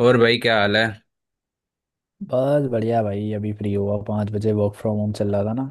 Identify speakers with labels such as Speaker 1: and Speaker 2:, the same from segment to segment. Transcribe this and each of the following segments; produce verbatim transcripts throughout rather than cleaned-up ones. Speaker 1: और भाई, क्या हाल है?
Speaker 2: बस बढ़िया भाई। अभी फ्री हुआ। पाँच बजे वर्क फ्रॉम होम चल रहा था ना,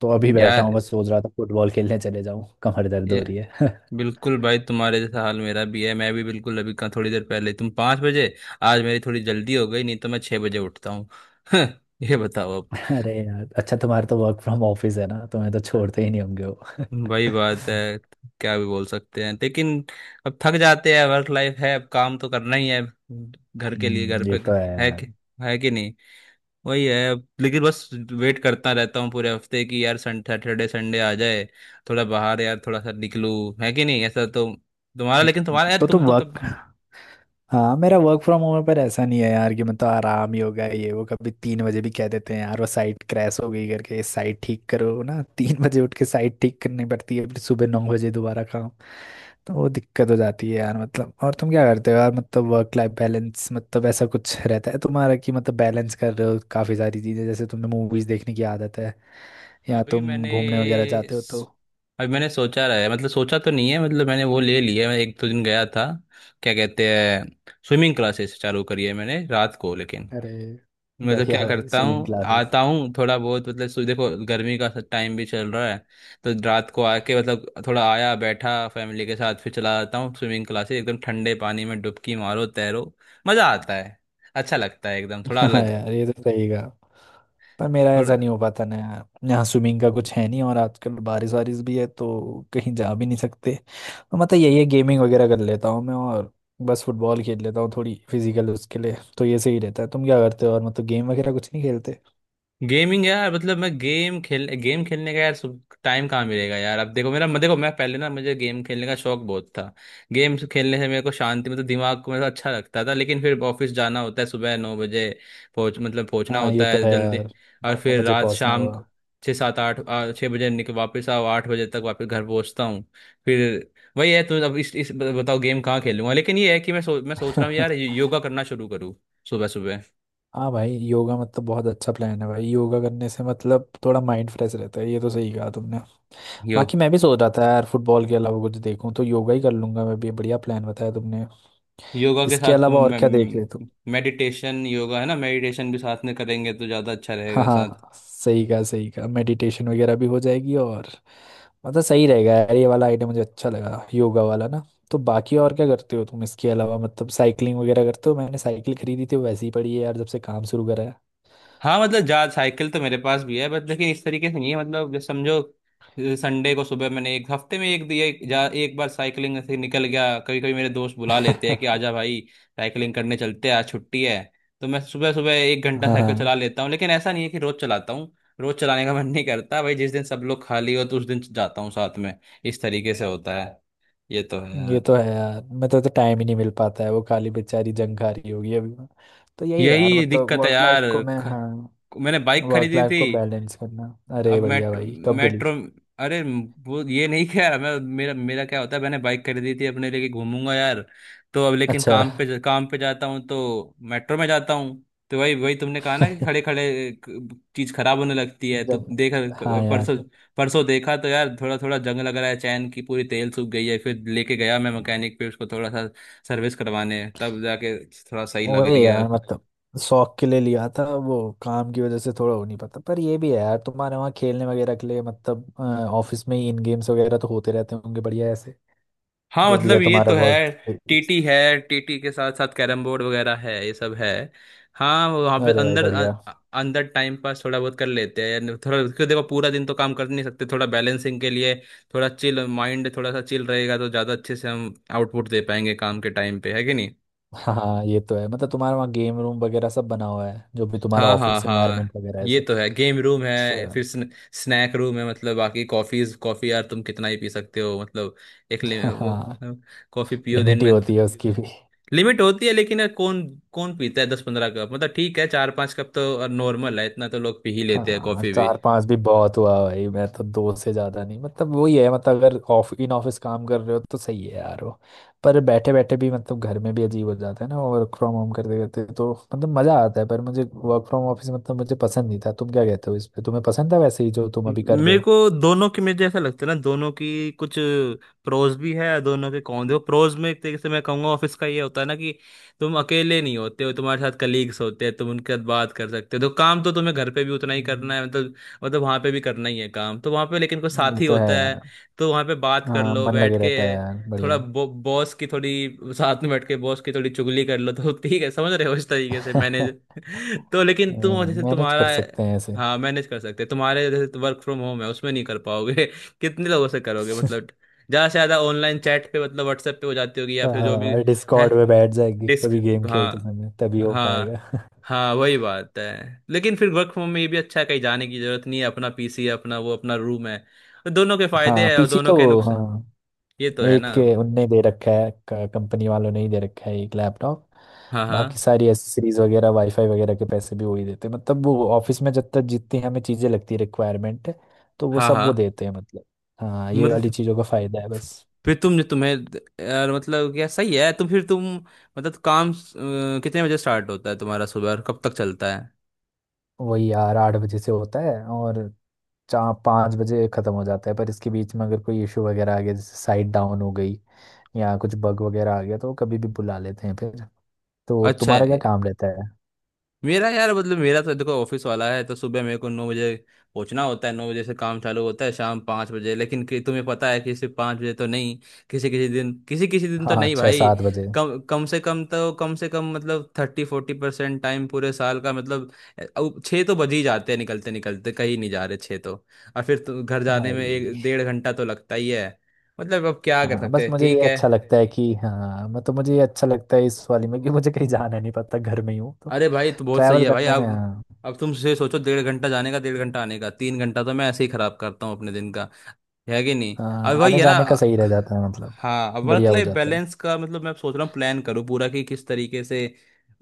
Speaker 2: तो अभी बैठा हूँ।
Speaker 1: यार,
Speaker 2: बस सोच रहा था फुटबॉल खेलने चले जाऊँ, कमर दर्द हो
Speaker 1: ये
Speaker 2: रही है।
Speaker 1: बिल्कुल भाई तुम्हारे जैसा हाल मेरा भी है। मैं भी बिल्कुल अभी का थोड़ी देर पहले तुम पाँच बजे, आज मेरी थोड़ी जल्दी हो गई, नहीं तो मैं छह बजे उठता हूँ। ये बताओ अब।
Speaker 2: अरे यार, अच्छा तुम्हारे तो वर्क फ्रॉम ऑफिस है ना, तुम्हें तो छोड़ते ही नहीं होंगे वो।
Speaker 1: वही बात है, क्या भी बोल सकते हैं, लेकिन अब थक जाते हैं, वर्क लाइफ है, अब काम तो करना ही है। घर के लिए, घर
Speaker 2: हम्म, ये
Speaker 1: पे
Speaker 2: तो है
Speaker 1: है
Speaker 2: यार।
Speaker 1: कि है कि नहीं? वही है अब, लेकिन बस वेट करता रहता हूँ पूरे हफ्ते कि यार, सन सैटरडे संडे आ जाए, थोड़ा बाहर यार, थोड़ा सा निकलूं, है कि नहीं, ऐसा तो। तुम्हारा, लेकिन तुम्हारा, यार
Speaker 2: तो
Speaker 1: तुम
Speaker 2: तुम
Speaker 1: तो
Speaker 2: वर्क।
Speaker 1: तब।
Speaker 2: हाँ, मेरा वर्क फ्रॉम होम पर ऐसा नहीं है यार कि मतलब आराम ही होगा। ये वो कभी तीन बजे भी कह देते हैं यार, वो साइट क्रैश हो गई करके, साइट ठीक करो ना। तीन बजे उठ के साइट ठीक करनी पड़ती है, फिर सुबह नौ बजे दोबारा काम। तो वो दिक्कत हो जाती है यार मतलब। और तुम क्या करते हो यार मतलब वर्क लाइफ बैलेंस, मतलब ऐसा कुछ रहता है तुम्हारा कि मतलब बैलेंस कर रहे हो काफी सारी चीजें, जैसे तुम्हें मूवीज देखने की आदत है या
Speaker 1: अभी
Speaker 2: तुम
Speaker 1: मैंने
Speaker 2: घूमने वगैरह जाते हो तो?
Speaker 1: अभी मैंने सोचा रहा है, मतलब सोचा तो नहीं है, मतलब मैंने वो ले लिया है। मैं एक दो दिन गया था। क्या कहते हैं, स्विमिंग क्लासेस चालू करी है मैंने रात को, लेकिन
Speaker 2: अरे
Speaker 1: मतलब
Speaker 2: बढ़िया
Speaker 1: क्या
Speaker 2: भाई,
Speaker 1: करता
Speaker 2: स्विमिंग
Speaker 1: हूँ,
Speaker 2: क्लासेस।
Speaker 1: आता हूँ थोड़ा बहुत, मतलब सु- देखो, गर्मी का टाइम भी चल रहा है, तो रात को आके मतलब थोड़ा आया, बैठा फैमिली के साथ, फिर चला जाता हूँ स्विमिंग क्लासेस, एकदम ठंडे पानी में डुबकी मारो, तैरो, मजा आता है, अच्छा लगता है, एकदम थोड़ा
Speaker 2: हाँ
Speaker 1: अलग।
Speaker 2: यार, ये तो सही कहा। पर मेरा ऐसा
Speaker 1: थोड़ा
Speaker 2: नहीं हो पाता ना यार। यहाँ स्विमिंग का कुछ है नहीं, और आजकल बारिश वारिश भी है तो कहीं जा भी नहीं सकते। तो मतलब यही है, गेमिंग वगैरह कर लेता हूँ मैं, और बस फुटबॉल खेल लेता हूँ थोड़ी फिजिकल, उसके लिए तो ये सही रहता है। तुम क्या करते हो और मतलब गेम वगैरह कुछ नहीं खेलते?
Speaker 1: गेमिंग यार, मतलब मैं गेम खेल गेम खेलने का यार टाइम कहाँ मिलेगा यार? अब देखो, मेरा मैं देखो, मैं पहले ना, मुझे गेम खेलने का शौक बहुत था। गेम खेलने से मेरे को शांति, मतलब दिमाग को मेरा अच्छा लगता था, लेकिन फिर ऑफिस जाना होता है सुबह नौ बजे, पहुंच मतलब पहुंचना
Speaker 2: हाँ, ये
Speaker 1: होता
Speaker 2: तो
Speaker 1: है
Speaker 2: है
Speaker 1: जल्दी।
Speaker 2: यार।
Speaker 1: और
Speaker 2: नौ
Speaker 1: फिर
Speaker 2: बजे
Speaker 1: रात,
Speaker 2: पहुंचना
Speaker 1: शाम
Speaker 2: हुआ।
Speaker 1: को छः सात आठ, आ, छः बजे निकल, वापस आओ आठ बजे तक, वापस घर पहुंचता हूँ। फिर वही है। तो अब इस, इस बताओ, गेम कहाँ खेलूंगा, लेकिन ये है कि मैं सो, मैं सोच रहा हूँ यार, योगा करना शुरू करूँ, सुबह सुबह।
Speaker 2: हाँ भाई, योगा मतलब बहुत अच्छा प्लान है भाई। योगा करने से मतलब थोड़ा माइंड फ्रेश रहता है, ये तो सही कहा तुमने।
Speaker 1: यो
Speaker 2: बाकी मैं भी सोच रहा था यार, फुटबॉल के अलावा कुछ देखूं तो योगा ही कर लूंगा मैं भी। बढ़िया प्लान बताया तुमने।
Speaker 1: योगा के
Speaker 2: इसके
Speaker 1: साथ तुम
Speaker 2: अलावा और क्या देख रहे तुम?
Speaker 1: मेडिटेशन, योगा है ना, मेडिटेशन भी साथ में करेंगे तो ज़्यादा अच्छा
Speaker 2: हाँ
Speaker 1: रहेगा साथ।
Speaker 2: हाँ, सही कहा सही कहा, मेडिटेशन वगैरह भी हो जाएगी, और मतलब सही रहेगा यार। ये वाला आइडिया मुझे अच्छा लगा, योगा वाला ना। तो बाकी और क्या करते हो तुम इसके अलावा, मतलब साइकिलिंग वगैरह करते हो? मैंने साइकिल खरीदी थी, वो वैसे ही पड़ी है यार जब से काम शुरू करा
Speaker 1: हाँ मतलब जा साइकिल तो मेरे पास भी है, बट लेकिन इस तरीके से नहीं है, मतलब जैसे समझो, संडे को सुबह मैंने एक हफ्ते में एक दिया एक, जा एक बार साइकिलिंग ऐसे निकल गया, कभी कभी मेरे दोस्त बुला लेते हैं
Speaker 2: है।
Speaker 1: कि आजा भाई, साइकिलिंग करने चलते हैं, आज छुट्टी है, तो मैं सुबह सुबह एक घंटा साइकिल चला
Speaker 2: हाँ
Speaker 1: लेता हूँ, लेकिन ऐसा नहीं है कि रोज चलाता हूँ, रोज चलाने का मन नहीं करता भाई। जिस दिन सब लोग खाली हो तो उस दिन जाता हूँ साथ में, इस तरीके से होता है। ये तो है
Speaker 2: ये तो
Speaker 1: यार।
Speaker 2: है यार मतलब। तो टाइम ही नहीं मिल पाता है। वो काली बेचारी जंग खा रही होगी अभी। तो यही है यार
Speaker 1: यही
Speaker 2: मतलब।
Speaker 1: दिक्कत है
Speaker 2: वर्क लाइफ
Speaker 1: यार।
Speaker 2: को मैं,
Speaker 1: ख,
Speaker 2: हाँ,
Speaker 1: मैंने बाइक
Speaker 2: वर्क
Speaker 1: खरीदी
Speaker 2: लाइफ
Speaker 1: थी।
Speaker 2: को बैलेंस करना। अरे
Speaker 1: अब
Speaker 2: बढ़िया
Speaker 1: मेट्रो,
Speaker 2: भाई, कब गली।
Speaker 1: मेट्रो, अरे वो ये नहीं क्या यार, मैं मेरा मेरा क्या होता है, मैंने बाइक खरीदी थी अपने, लेके घूमूंगा यार, तो अब लेकिन
Speaker 2: अच्छा।
Speaker 1: काम पे ज- काम पे जाता हूँ तो मेट्रो में जाता हूँ। तो वही वही तुमने कहा ना कि खड़े खड़े चीज खराब होने लगती है, तो
Speaker 2: जब,
Speaker 1: देखा
Speaker 2: हाँ
Speaker 1: परसों,
Speaker 2: यार।
Speaker 1: परसों देखा तो यार थोड़ा थोड़ा जंग लग रहा है, चैन की पूरी तेल सूख गई है, फिर लेके गया मैं मैकेनिक पे, उसको थोड़ा सा सर्विस करवाने, तब जाके थोड़ा सही लग
Speaker 2: वही
Speaker 1: रही है।
Speaker 2: यार, मतलब शौक के लिए लिया था वो, काम की वजह से थोड़ा हो नहीं पाता। पर ये भी है यार, तुम्हारे वहाँ खेलने वगैरह के लिए मतलब अ, ऑफिस में ही इन गेम्स वगैरह तो होते रहते होंगे। बढ़िया, ऐसे
Speaker 1: हाँ
Speaker 2: जो भी है
Speaker 1: मतलब ये
Speaker 2: तुम्हारा
Speaker 1: तो
Speaker 2: वर्क।
Speaker 1: है, टी टी है, टीटी के साथ साथ कैरम बोर्ड वगैरह है, ये सब है। हाँ वो वहाँ पे
Speaker 2: अरे भाई
Speaker 1: अंदर
Speaker 2: बढ़िया।
Speaker 1: अ- अंदर टाइम पास थोड़ा बहुत कर लेते हैं, थोड़ा क्योंकि देखो पूरा दिन तो काम कर नहीं सकते, थोड़ा बैलेंसिंग के लिए थोड़ा चिल, माइंड थोड़ा सा चिल रहेगा तो ज़्यादा अच्छे से हम आउटपुट दे पाएंगे काम के टाइम पे, है कि नहीं।
Speaker 2: हाँ ये तो है, मतलब तुम्हारे वहाँ गेम रूम वगैरह सब बना हुआ है, जो भी तुम्हारा
Speaker 1: हाँ, हाँ,
Speaker 2: ऑफिस
Speaker 1: हाँ।
Speaker 2: एनवायरनमेंट वगैरह है
Speaker 1: ये
Speaker 2: सब।
Speaker 1: तो है, गेम रूम है,
Speaker 2: अच्छा।
Speaker 1: फिर स्न, स्नैक रूम है, मतलब बाकी कॉफीज कॉफी यार तुम कितना ही पी सकते हो मतलब, एक ले, वो,
Speaker 2: हाँ,
Speaker 1: कॉफी पियो दिन
Speaker 2: लिमिट ही
Speaker 1: में।
Speaker 2: होती है उसकी भी।
Speaker 1: लिमिट होती है, लेकिन यार कौन कौन पीता है दस पंद्रह कप, मतलब ठीक है, चार पांच कप तो नॉर्मल है, इतना तो लोग पी ही लेते हैं
Speaker 2: हाँ,
Speaker 1: कॉफी भी।
Speaker 2: चार पांच भी बहुत हुआ भाई। मैं तो दो से ज्यादा नहीं, मतलब वही है। मतलब अगर ऑफ इन ऑफिस काम कर रहे हो तो सही है यार वो, पर बैठे बैठे भी मतलब घर में भी अजीब हो जाता है ना, वर्क फ्रॉम होम करते करते, तो मतलब मजा आता है। पर मुझे वर्क फ्रॉम ऑफिस, मतलब मुझे पसंद नहीं था। तुम क्या कहते हो इस पे, तुम्हें पसंद था वैसे ही जो तुम अभी कर रहे
Speaker 1: मेरे
Speaker 2: हो?
Speaker 1: को दोनों की, मुझे ऐसा लगता है ना, दोनों की कुछ प्रोज भी है दोनों के, कौन देखो, प्रोज में एक तरीके से मैं कहूंगा ऑफिस का ये होता है ना कि तुम अकेले नहीं होते हो, तुम्हारे साथ कलीग्स होते हैं, तुम उनके साथ बात कर सकते हो, तो काम तो तुम्हें घर पे भी उतना ही करना
Speaker 2: हम्म,
Speaker 1: है, मतलब, मतलब वहां पे भी करना ही है काम, तो वहां पे लेकिन कोई
Speaker 2: ये
Speaker 1: साथी
Speaker 2: तो है
Speaker 1: होता
Speaker 2: यार।
Speaker 1: है, तो वहां पे बात कर
Speaker 2: हाँ,
Speaker 1: लो
Speaker 2: मन
Speaker 1: बैठ
Speaker 2: लगे
Speaker 1: के,
Speaker 2: रहता है यार,
Speaker 1: थोड़ा
Speaker 2: बढ़िया।
Speaker 1: बो, बॉस की थोड़ी साथ में बैठ के बॉस की थोड़ी चुगली कर लो तो ठीक है, समझ रहे हो, इस तरीके से मैनेज। तो लेकिन तुम जैसे
Speaker 2: मैनेज कर
Speaker 1: तुम्हारा,
Speaker 2: सकते हैं ऐसे।
Speaker 1: हाँ मैनेज कर सकते, तुम्हारे जैसे वर्क फ्रॉम होम है उसमें नहीं कर पाओगे। कितने लोगों से करोगे मतलब, ज्यादा से ज्यादा ऑनलाइन चैट पे, मतलब व्हाट्सएप पे हो जाती होगी, या फिर जो भी
Speaker 2: हाँ,
Speaker 1: है,
Speaker 2: डिस्कॉर्ड में बैठ जाएगी
Speaker 1: डिस्क
Speaker 2: कभी गेम खेलते
Speaker 1: हाँ,
Speaker 2: समय, तभी हो
Speaker 1: हाँ,
Speaker 2: पाएगा।
Speaker 1: हाँ, वही बात है, लेकिन फिर वर्क फ्रॉम होम में ये भी अच्छा है, कहीं जाने की जरूरत नहीं है, अपना पी सी है, अपना वो अपना रूम है, तो दोनों के फायदे
Speaker 2: हाँ,
Speaker 1: है और
Speaker 2: पीसी
Speaker 1: दोनों
Speaker 2: तो
Speaker 1: के नुकसान,
Speaker 2: हाँ,
Speaker 1: ये तो है ना।
Speaker 2: एक ए, उनने दे रखा है। कंपनी वालों ने ही दे रखा है एक लैपटॉप,
Speaker 1: हाँ, हाँ,
Speaker 2: बाकी सारी एसेसरीज वगैरह, वाईफाई वगैरह के पैसे भी वही देते हैं। मतलब वो ऑफिस में जब तक जितनी हमें चीजें लगती है, रिक्वायरमेंट, तो वो
Speaker 1: हाँ,
Speaker 2: सब
Speaker 1: हाँ।
Speaker 2: वो देते हैं मतलब। हाँ, ये वाली
Speaker 1: मतलब
Speaker 2: चीजों का फायदा है बस।
Speaker 1: फिर तुम जो तुम्हें यार, मतलब क्या सही है, तुम फिर तुम, मतलब काम अ, कितने बजे स्टार्ट होता है तुम्हारा सुबह और कब तक चलता है?
Speaker 2: वही यार, आठ बजे से होता है, और चार पाँच बजे खत्म हो जाता है। पर इसके बीच में अगर कोई इशू वगैरह आ गया, जैसे साइट डाउन हो गई या कुछ बग वगैरह आ गया, तो वो कभी भी बुला लेते हैं फिर। तो
Speaker 1: अच्छा,
Speaker 2: तुम्हारा क्या काम रहता है?
Speaker 1: मेरा यार, मतलब मेरा तो देखो ऑफिस वाला है, तो सुबह मेरे को नौ बजे पहुंचना होता है, नौ बजे से काम चालू होता है, शाम पाँच बजे, लेकिन कि तुम्हें पता है कि सिर्फ पाँच बजे तो नहीं, किसी किसी दिन किसी किसी दिन तो
Speaker 2: हाँ
Speaker 1: नहीं
Speaker 2: छः
Speaker 1: भाई।
Speaker 2: सात बजे
Speaker 1: कम कम से कम तो कम से कम मतलब थर्टी फोर्टी परसेंट टाइम पूरे साल का मतलब, अ, अब छः तो बज ही जाते हैं, निकलते निकलते, कहीं नहीं जा रहे, छः तो। और फिर तो घर जाने में एक
Speaker 2: भाई,
Speaker 1: डेढ़ घंटा तो लगता ही है, मतलब अब क्या कर
Speaker 2: हाँ, बस
Speaker 1: सकते हैं,
Speaker 2: मुझे ये
Speaker 1: ठीक है।
Speaker 2: अच्छा लगता है कि, हाँ मतलब मुझे ये अच्छा लगता है इस वाली में कि मुझे कहीं जाना नहीं पड़ता, घर में ही हूँ तो
Speaker 1: अरे भाई तो बहुत सही
Speaker 2: ट्रैवल
Speaker 1: है भाई।
Speaker 2: करने में,
Speaker 1: अब
Speaker 2: हाँ।
Speaker 1: अब तुम से सोचो, डेढ़ घंटा जाने का, डेढ़ घंटा आने का, तीन घंटा तो मैं ऐसे ही खराब करता हूँ अपने दिन का, है कि नहीं, अब
Speaker 2: हाँ,
Speaker 1: भाई,
Speaker 2: आने
Speaker 1: है ना?
Speaker 2: जाने का सही रह जाता है मतलब,
Speaker 1: हाँ, वर्क
Speaker 2: बढ़िया हो
Speaker 1: लाइफ
Speaker 2: जाता है।
Speaker 1: बैलेंस का मतलब, मैं अब सोच रहा हूँ प्लान करूँ पूरा कि किस तरीके से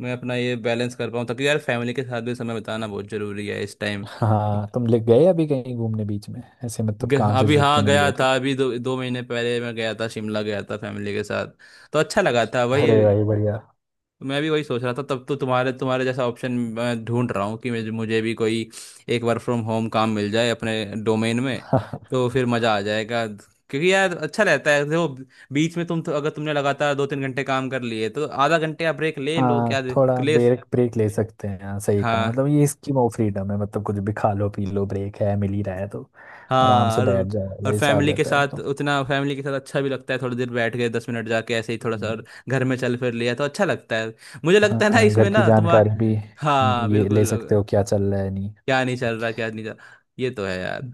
Speaker 1: मैं अपना ये बैलेंस कर पाऊँ ताकि यार, फैमिली के साथ भी समय बिताना बहुत जरूरी है इस टाइम।
Speaker 2: हाँ, तुम लिख गए अभी कहीं घूमने बीच में ऐसे, मतलब
Speaker 1: ग-
Speaker 2: काम से
Speaker 1: अभी,
Speaker 2: छुट्टी
Speaker 1: हाँ,
Speaker 2: मिली
Speaker 1: गया
Speaker 2: हो तो?
Speaker 1: था अभी, दो दो महीने पहले मैं गया था, शिमला गया था फैमिली के साथ, तो अच्छा लगा था भाई।
Speaker 2: अरे भाई, बढ़िया।
Speaker 1: तो मैं भी वही सोच रहा था, तब तो तुम्हारे तुम्हारे जैसा ऑप्शन मैं ढूंढ रहा हूँ कि मुझे मुझे भी कोई एक वर्क फ्रॉम होम काम मिल जाए अपने डोमेन में, तो फिर मज़ा आ जाएगा, क्योंकि यार अच्छा रहता है देखो, बीच में तुम तो अगर तुमने लगातार दो तीन घंटे काम कर लिए तो आधा घंटे आप ब्रेक ले लो,
Speaker 2: हाँ,
Speaker 1: क्या दे-
Speaker 2: थोड़ा
Speaker 1: ले।
Speaker 2: ब्रेक ब्रेक ले सकते हैं, हाँ सही कहा।
Speaker 1: हाँ,
Speaker 2: मतलब ये स्कीम ऑफ फ्रीडम है, मतलब कुछ भी खा लो पी लो, ब्रेक है, मिल ही रहा है तो आराम
Speaker 1: हाँ,
Speaker 2: से
Speaker 1: और
Speaker 2: बैठ जाओ वाला
Speaker 1: और
Speaker 2: हिसाब
Speaker 1: फैमिली के
Speaker 2: रहता है।
Speaker 1: साथ उतना, फैमिली के साथ अच्छा भी लगता है, थोड़ी देर बैठ गए, दस मिनट जाके ऐसे ही
Speaker 2: तो
Speaker 1: थोड़ा सा और घर में चल फिर लिया तो अच्छा लगता है। मुझे लगता है ना
Speaker 2: हाँ,
Speaker 1: इसमें
Speaker 2: घर की
Speaker 1: ना तुम्हारा,
Speaker 2: जानकारी भी
Speaker 1: हाँ
Speaker 2: ये ले सकते
Speaker 1: बिल्कुल,
Speaker 2: हो, क्या चल रहा है नहीं।
Speaker 1: क्या नहीं चल रहा, क्या नहीं चल रहा, ये तो है यार।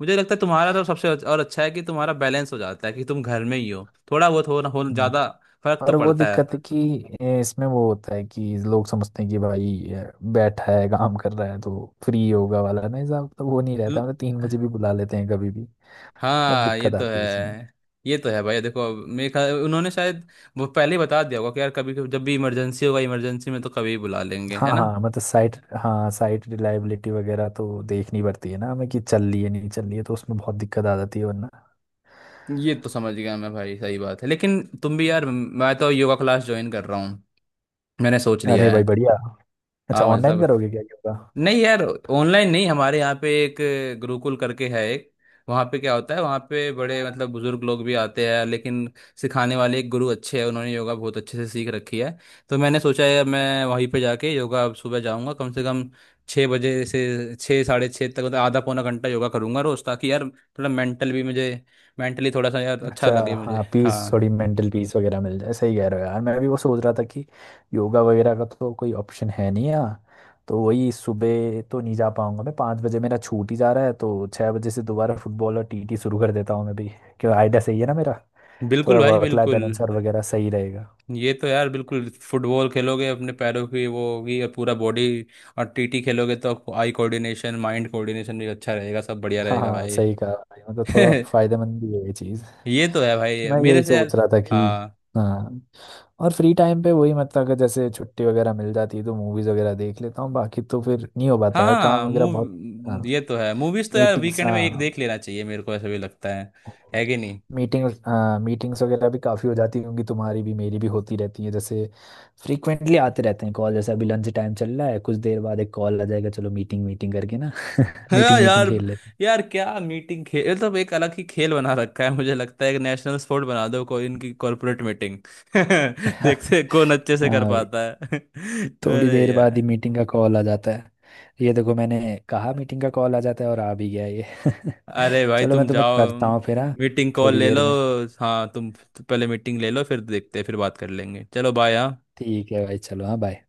Speaker 1: मुझे लगता है तुम्हारा तो सबसे अच्छा- और अच्छा है कि तुम्हारा बैलेंस हो जाता है, कि तुम घर में ही हो, थोड़ा बहुत हो ना हो,
Speaker 2: हम्म,
Speaker 1: ज्यादा फर्क तो
Speaker 2: और वो
Speaker 1: पड़ता है।
Speaker 2: दिक्कत है कि, ए, इसमें वो होता है कि लोग समझते हैं कि भाई ए, बैठा है, काम कर रहा है तो फ्री होगा वाला ना हिसाब, तो वो नहीं रहता।
Speaker 1: ल-
Speaker 2: मतलब तीन बजे भी बुला लेते हैं कभी भी, तब
Speaker 1: हाँ, ये
Speaker 2: दिक्कत
Speaker 1: तो
Speaker 2: आती
Speaker 1: है।
Speaker 2: है इसमें।
Speaker 1: ये तो है भाई, देखो मेरे ख्याल उन्होंने शायद वो पहले ही बता दिया होगा कि यार कभी कभी जब भी इमरजेंसी होगा, इमरजेंसी में तो कभी बुला लेंगे,
Speaker 2: हाँ
Speaker 1: है ना।
Speaker 2: हाँ, मतलब साइट, हाँ साइट रिलायबिलिटी वगैरह तो देखनी पड़ती है ना हमें, कि चल रही है नहीं चल रही है, तो उसमें बहुत दिक्कत आ जाती है वरना।
Speaker 1: ये तो समझ गया मैं भाई, सही बात है, लेकिन तुम भी यार, मैं तो योगा क्लास ज्वाइन कर रहा हूँ, मैंने सोच
Speaker 2: अरे
Speaker 1: लिया
Speaker 2: भाई,
Speaker 1: है।
Speaker 2: बढ़िया। अच्छा,
Speaker 1: हाँ
Speaker 2: ऑनलाइन
Speaker 1: मतलब,
Speaker 2: करोगे क्या योगा?
Speaker 1: नहीं यार, ऑनलाइन नहीं, हमारे यहाँ पे एक गुरुकुल करके है एक, वहाँ पे क्या होता है, वहाँ पे बड़े, मतलब बुजुर्ग लोग भी आते हैं, लेकिन सिखाने वाले एक गुरु अच्छे हैं, उन्होंने योगा बहुत अच्छे से सीख रखी है, तो मैंने सोचा है मैं वहीं पे जाके योगा अब सुबह जाऊँगा, कम से कम छः बजे से छः, साढ़े छः तक, मतलब आधा पौना घंटा योगा करूँगा रोज़, ताकि यार थोड़ा मेंटल भी मुझे, मेंटली थोड़ा सा यार अच्छा
Speaker 2: अच्छा।
Speaker 1: लगे
Speaker 2: हाँ,
Speaker 1: मुझे,
Speaker 2: पीस,
Speaker 1: हाँ,
Speaker 2: थोड़ी मेंटल पीस वगैरह मिल जाए। सही कह रहे हो यार। मैं भी वो सोच रहा था कि योगा वगैरह का तो कोई ऑप्शन है नहीं यहाँ। तो वही, सुबह तो नहीं जा पाऊंगा मैं। पाँच बजे मेरा छूट ही जा रहा है, तो छः बजे से दोबारा फुटबॉल और टीटी शुरू कर देता हूँ मैं भी। क्यों, आइडिया सही है ना मेरा?
Speaker 1: बिल्कुल
Speaker 2: थोड़ा
Speaker 1: भाई,
Speaker 2: वर्क लाइफ
Speaker 1: बिल्कुल।
Speaker 2: बैलेंस और वगैरह सही रहेगा।
Speaker 1: ये तो यार बिल्कुल, फुटबॉल खेलोगे अपने पैरों की वो होगी और पूरा बॉडी, और टी टी खेलोगे तो आई कोऑर्डिनेशन, माइंड कोऑर्डिनेशन भी अच्छा रहेगा, सब बढ़िया
Speaker 2: हाँ
Speaker 1: रहेगा
Speaker 2: हाँ,
Speaker 1: भाई।
Speaker 2: सही कहा भाई। मतलब थोड़ा फायदेमंद भी है ये चीज़।
Speaker 1: ये तो है
Speaker 2: तो
Speaker 1: भाई,
Speaker 2: मैं
Speaker 1: मेरे
Speaker 2: यही
Speaker 1: से यार,
Speaker 2: सोच रहा था कि,
Speaker 1: हाँ,
Speaker 2: हाँ, और फ्री टाइम पे वही, मतलब अगर जैसे छुट्टी वगैरह मिल जाती है तो मूवीज वगैरह देख लेता हूँ, बाकी तो फिर नहीं हो पाता यार, काम
Speaker 1: हाँ,
Speaker 2: वगैरह बहुत। हाँ,
Speaker 1: मूव ये तो है, मूवीज तो यार
Speaker 2: मीटिंग्स,
Speaker 1: वीकेंड में एक
Speaker 2: हाँ,
Speaker 1: देख लेना चाहिए, मेरे को ऐसा भी लगता है है कि नहीं।
Speaker 2: मीटिंग, मीटिंग्स वगैरह भी काफ़ी हो जाती होंगी तुम्हारी भी, मेरी भी होती रहती है। जैसे फ्रीक्वेंटली आते रहते हैं कॉल, जैसे अभी लंच टाइम चल रहा है, कुछ देर बाद एक कॉल आ जाएगा, चलो मीटिंग मीटिंग करके ना।
Speaker 1: हाँ
Speaker 2: मीटिंग मीटिंग
Speaker 1: यार,
Speaker 2: खेल लेते हैं।
Speaker 1: यार क्या मीटिंग खेल, मतलब एक अलग ही खेल बना रखा है, मुझे लगता है एक नेशनल स्पोर्ट बना दो कोई इनकी कॉर्पोरेट मीटिंग, देखते हैं कौन अच्छे से
Speaker 2: हाँ
Speaker 1: कर
Speaker 2: भाई,
Speaker 1: पाता है।
Speaker 2: थोड़ी
Speaker 1: अरे
Speaker 2: देर बाद
Speaker 1: यार,
Speaker 2: ही मीटिंग का कॉल आ जाता है। ये देखो, मैंने कहा मीटिंग का कॉल आ जाता है, और आ भी गया ये।
Speaker 1: अरे भाई
Speaker 2: चलो मैं
Speaker 1: तुम
Speaker 2: तुम्हें
Speaker 1: जाओ,
Speaker 2: करता हूँ फिर, हाँ,
Speaker 1: मीटिंग कॉल
Speaker 2: थोड़ी
Speaker 1: ले
Speaker 2: देर
Speaker 1: लो,
Speaker 2: में।
Speaker 1: हाँ तुम पहले मीटिंग ले लो, फिर देखते हैं, फिर बात कर लेंगे, चलो, बाय, हाँ।
Speaker 2: ठीक है भाई, चलो हाँ, बाय।